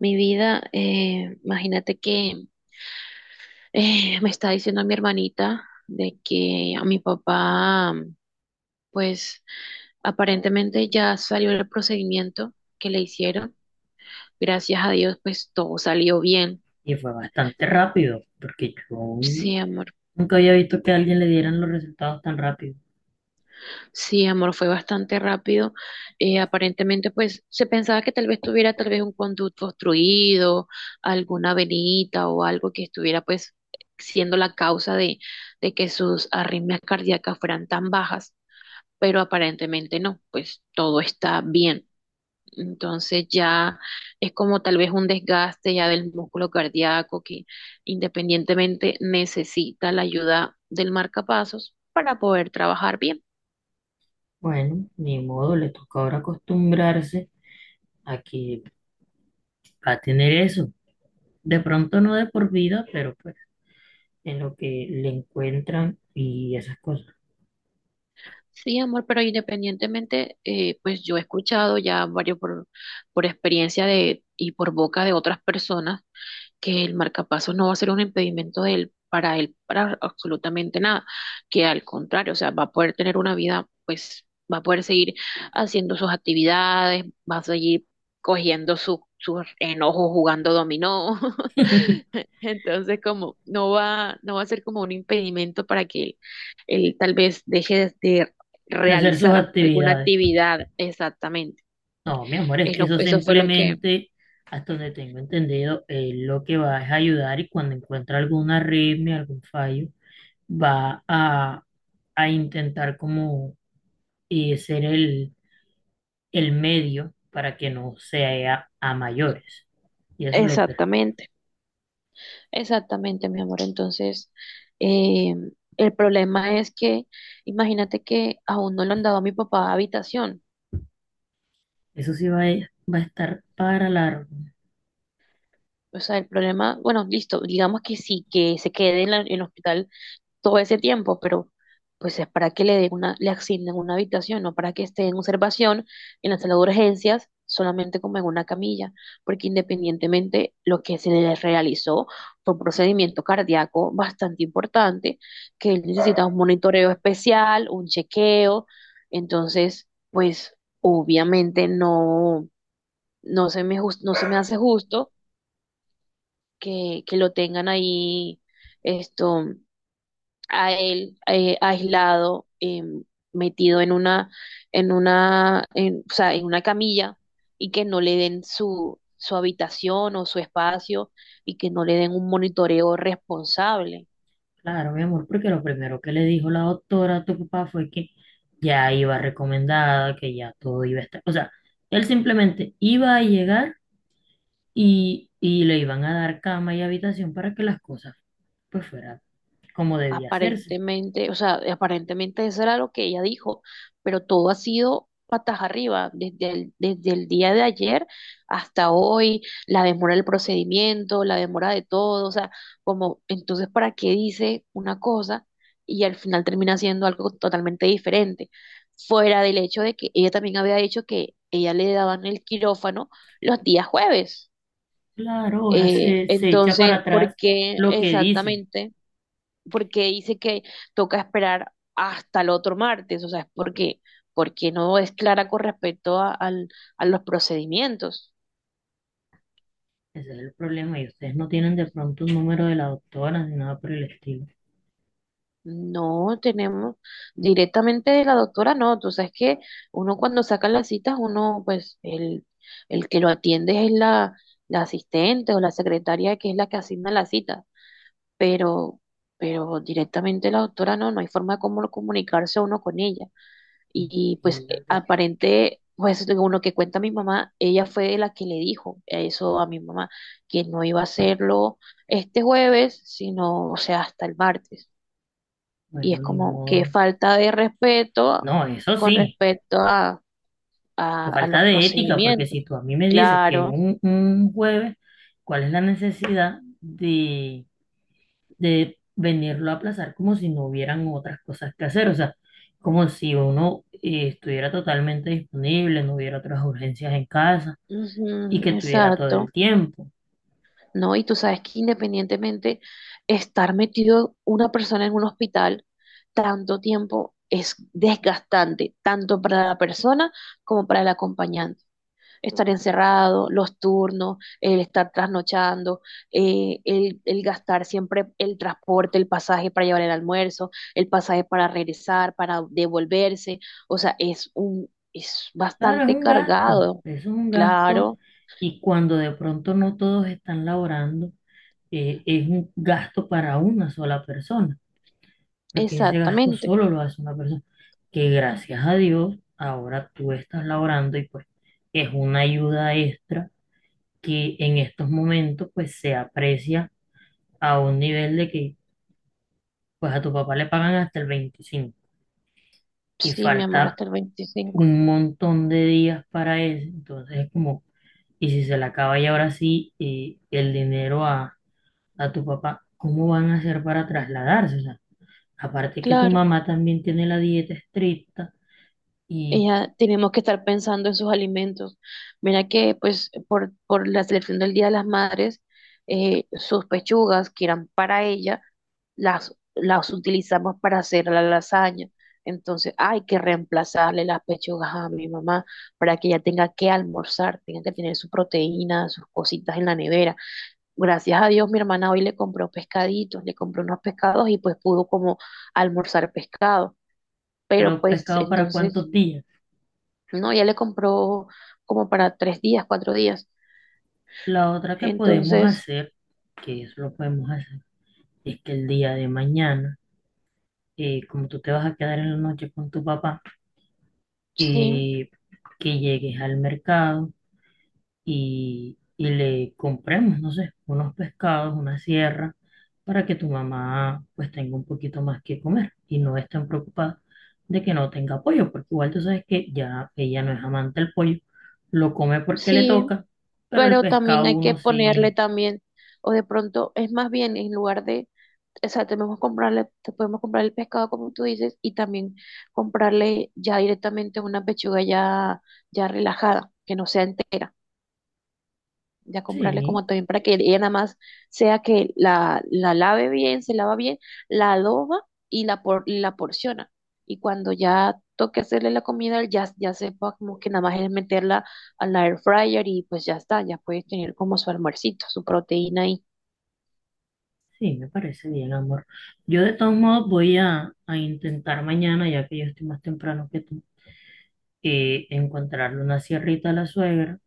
Mi vida, imagínate que me está diciendo mi hermanita de que a mi papá, pues aparentemente ya salió el procedimiento que le hicieron. Gracias a Dios, pues todo salió bien. Y fue bastante rápido, porque yo Sí, amor. nunca había visto que a alguien le dieran los resultados tan rápido. Sí, amor, fue bastante rápido. Aparentemente, pues se pensaba que tal vez tuviera tal vez un conducto obstruido, alguna venita o algo que estuviera pues siendo la causa de que sus arritmias cardíacas fueran tan bajas. Pero aparentemente no, pues todo está bien. Entonces ya es como tal vez un desgaste ya del músculo cardíaco que independientemente necesita la ayuda del marcapasos para poder trabajar bien. Bueno, ni modo, le toca ahora acostumbrarse a que va a tener eso. De pronto no de por vida, pero pues en lo que le encuentran y esas cosas. Sí, amor, pero independientemente, pues yo he escuchado ya varios por experiencia de, y por boca de otras personas que el marcapaso no va a ser un impedimento de él, para él, para absolutamente nada, que al contrario, o sea, va a poder tener una vida, pues va a poder seguir haciendo sus actividades, va a seguir cogiendo sus enojos jugando dominó, entonces como no va a ser como un impedimento para que él tal vez deje de De hacer sus realizar alguna actividades. actividad exactamente. No, mi amor, es que eso Eso fue lo que... simplemente, hasta donde tengo entendido, él lo que va es ayudar y cuando encuentra alguna arritmia, algún fallo, va a intentar como y ser el medio para que no sea a mayores. Y eso es lo que, Exactamente. Exactamente, mi amor. Entonces, eh, el problema es que, imagínate que aún no le han dado a mi papá habitación. eso sí va a estar para largo, O sea, el problema, bueno, listo, digamos que sí, que se quede en en el hospital todo ese tiempo, pero pues es para que le den una, le asignen una habitación, no para que esté en observación en la sala de urgencias, solamente como en una camilla, porque independientemente lo que se le realizó fue un procedimiento cardíaco bastante importante, que él necesita un monitoreo especial, un chequeo, entonces, pues obviamente no, no se me hace justo que lo tengan ahí esto a él aislado, metido o sea, en una camilla y que no le den su habitación o su espacio y que no le den un monitoreo responsable. claro, mi amor, porque lo primero que le dijo la doctora a tu papá fue que ya iba recomendada, que ya todo iba a estar, o sea, él simplemente iba a llegar y le iban a dar cama y habitación para que las cosas pues fueran como debía hacerse. Aparentemente, o sea, aparentemente eso era lo que ella dijo, pero todo ha sido patas arriba, desde el día de ayer hasta hoy, la demora del procedimiento, la demora de todo, o sea, como, entonces, ¿para qué dice una cosa y al final termina haciendo algo totalmente diferente? Fuera del hecho de que ella también había dicho que ella le daban el quirófano los días jueves. Claro, ahora se echa para Entonces, ¿por atrás qué lo que dice. exactamente? Porque dice que toca esperar hasta el otro martes, o sea, es porque, porque no es clara con respecto a los procedimientos. Ese es el problema y ustedes no tienen de pronto un número de la doctora ni nada por el estilo. No tenemos directamente de la doctora, no, tú sabes que uno cuando saca las citas, uno pues el que lo atiende es la asistente o la secretaria que es la que asigna la cita, pero, pero directamente la doctora no, no hay forma de cómo comunicarse uno con ella. Y pues Imagínate, pues según lo que cuenta mi mamá, ella fue la que le dijo eso a mi mamá, que no iba a hacerlo este jueves, sino, o sea, hasta el martes. Y es bueno, ni como que modo. falta de respeto No, eso con sí, respecto que a los falta de ética, porque procedimientos. si tú a mí me dices que es Claro, un jueves, ¿cuál es la necesidad de venirlo a aplazar como si no hubieran otras cosas que hacer? O sea, como si uno estuviera totalmente disponible, no hubiera otras urgencias en casa y ujú, que tuviera todo el exacto. tiempo. ¿No? Y tú sabes que independientemente estar metido una persona en un hospital tanto tiempo es desgastante, tanto para la persona como para el acompañante. Estar encerrado, los turnos, el estar trasnochando, el gastar siempre el transporte, el pasaje para llevar el almuerzo, el pasaje para regresar, para devolverse. O sea, es un, es Claro, es bastante un gasto, cargado, eso es un gasto claro, y cuando de pronto no todos están laborando, es un gasto para una sola persona, porque ese gasto exactamente. solo lo hace una persona, que gracias a Dios ahora tú estás laborando y pues es una ayuda extra que en estos momentos pues se aprecia a un nivel de que pues a tu papá le pagan hasta el 25 y Sí, mi amor, falta hasta el 25. un montón de días para eso, entonces es como. Y si se le acaba y ahora sí el dinero a tu papá, ¿cómo van a hacer para trasladarse? O sea, aparte que tu Claro, mamá también tiene la dieta estricta, y ella tenemos que estar pensando en sus alimentos. Mira que, pues, por la selección del Día de las Madres, sus pechugas que eran para ella, las utilizamos para hacer la lasaña. Entonces, hay que reemplazarle las pechugas a mi mamá para que ella tenga que almorzar, tenga que tener su proteína, sus cositas en la nevera. Gracias a Dios, mi hermana hoy le compró pescaditos, le compró unos pescados y pues pudo como almorzar pescado, pero pero pues pescado para entonces, cuántos días. no, ya le compró como para tres días, cuatro días. La otra que podemos Entonces, hacer, que eso lo podemos hacer, es que el día de mañana, como tú te vas a quedar en la noche con tu papá, sí, eh, que llegues al mercado y le compremos, no sé, unos pescados, una sierra, para que tu mamá pues tenga un poquito más que comer y no esté tan preocupada de que no tenga pollo, porque igual tú sabes que ya ella no es amante del pollo, lo come porque le sí, toca, pero el pero también pescado hay que uno ponerle sí, también, o de pronto es más bien en lugar de, o sea, tenemos que comprarle, te podemos comprar el pescado como tú dices y también comprarle ya directamente una pechuga ya, ya relajada, que no sea entera. Ya comprarle sí, como también para que ella nada más sea que la lave bien, se lava bien, la adoba y y la porciona. Y cuando ya toque hacerle la comida, ya sepa como que nada más es meterla a la air fryer y pues ya está, ya puede tener como su almuercito, su proteína ahí. sí, me parece bien, amor. Yo de todos modos voy a intentar mañana, ya que yo estoy más temprano que tú, encontrarle una sierrita a la suegra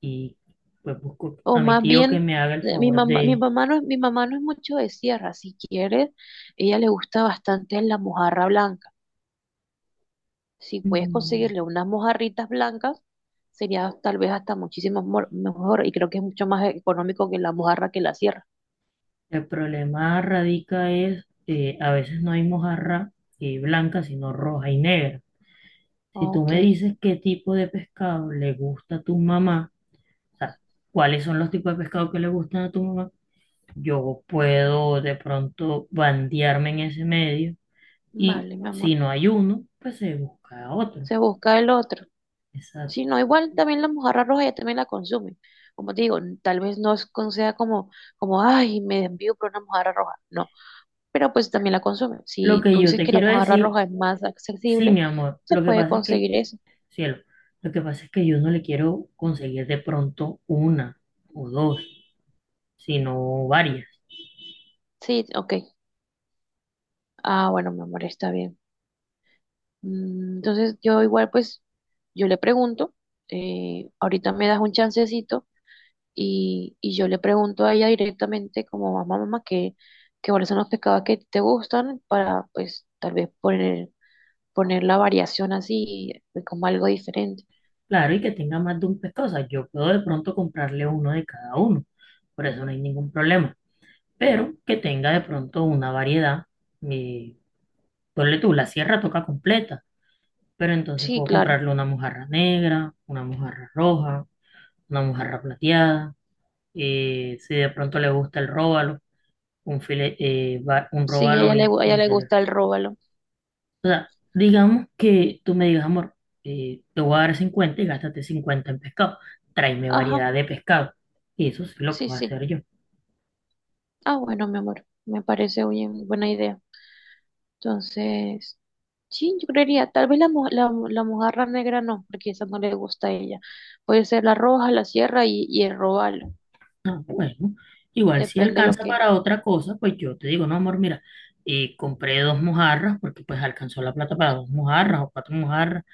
y pues busco O a mi más tío que bien, me haga el favor mi de... mamá no, mi mamá no es mucho de sierra, si quieres, ella le gusta bastante la mojarra blanca. Si puedes Mm, conseguirle unas mojarritas blancas, sería tal vez hasta muchísimo mejor y creo que es mucho más económico que la mojarra que la sierra. El problema radica es que a veces no hay mojarra blanca, sino roja y negra. Si tú Ok, me dices qué tipo de pescado le gusta a tu mamá, o sea, cuáles son los tipos de pescado que le gustan a tu mamá, yo puedo de pronto bandearme en ese medio y vale, mi amor. si no hay uno, pues se busca otro. Se busca el otro. Si Exacto. no, igual también la mojarra roja ella también la consume. Como te digo, tal vez no sea como, como, ay, me envío por una mojarra roja. No, pero pues también la consume. Lo Si que tú yo dices te que la quiero mojarra decir, roja es más sí, accesible, mi amor, se lo que puede pasa es que conseguir eso. cielo. Lo que pasa es que yo no le quiero conseguir de pronto una o dos, sino varias. Sí, ok. Ah, bueno, mi amor, está bien. Mm, entonces yo igual pues yo le pregunto, ahorita me das un chancecito y yo le pregunto a ella directamente como mamá, mamá, que cuáles son los pescados que te gustan para pues tal vez poner, poner la variación así como algo diferente. Claro, y que tenga más de un pescado. O sea, yo puedo de pronto comprarle uno de cada uno, por eso no hay ningún problema. Pero que tenga de pronto una variedad. Eh, ponle tú, la sierra toca completa, pero entonces Sí, puedo claro, comprarle una mojarra negra, una mojarra roja, una mojarra plateada. Si de pronto le gusta el róbalo, un sí, a ella róbalo y, a ella y le se le... gusta el róbalo. O sea, digamos que tú me digas, amor, te voy a dar 50 y gástate 50 en pescado. Tráeme Ajá, variedad de pescado. Y eso sí lo sí, puedo sí. hacer yo. Ah, bueno, mi amor, me parece bien, buena idea. Entonces... Sí, yo creería, tal vez la mojarra negra no, porque esa no le gusta a ella. Puede ser la roja, la sierra y el robalo, Ah, bueno, igual si depende lo alcanza que... para otra cosa, pues yo te digo, no, amor, mira, compré dos mojarras porque pues alcanzó la plata para dos mojarras o cuatro mojarras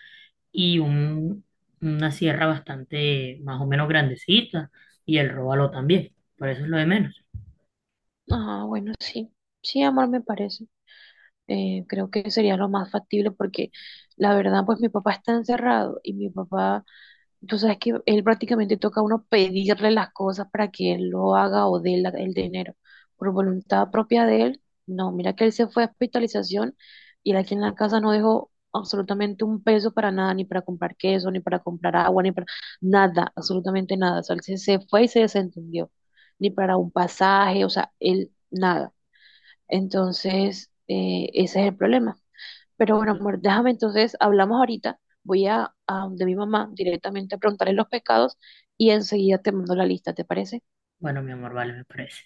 y un, una sierra bastante más o menos grandecita y el róbalo también. Por eso es lo de menos. Ah, bueno, sí, sí, amor, me parece. Creo que sería lo más factible porque la verdad, pues mi papá está encerrado y mi papá, tú sabes que él prácticamente toca a uno pedirle las cosas para que él lo haga o dé el dinero. Por voluntad propia de él, no, mira que él se fue a hospitalización y él aquí en la casa no dejó absolutamente un peso para nada, ni para comprar queso, ni para comprar agua, ni para nada, absolutamente nada. O sea, se fue y se desentendió, ni para un pasaje, o sea, él nada. Entonces, ese es el problema. Pero bueno, amor, déjame entonces, hablamos ahorita, voy a donde mi mamá directamente a preguntarle los pescados y enseguida te mando la lista, ¿te parece? Bueno, mi amor, vale, me parece.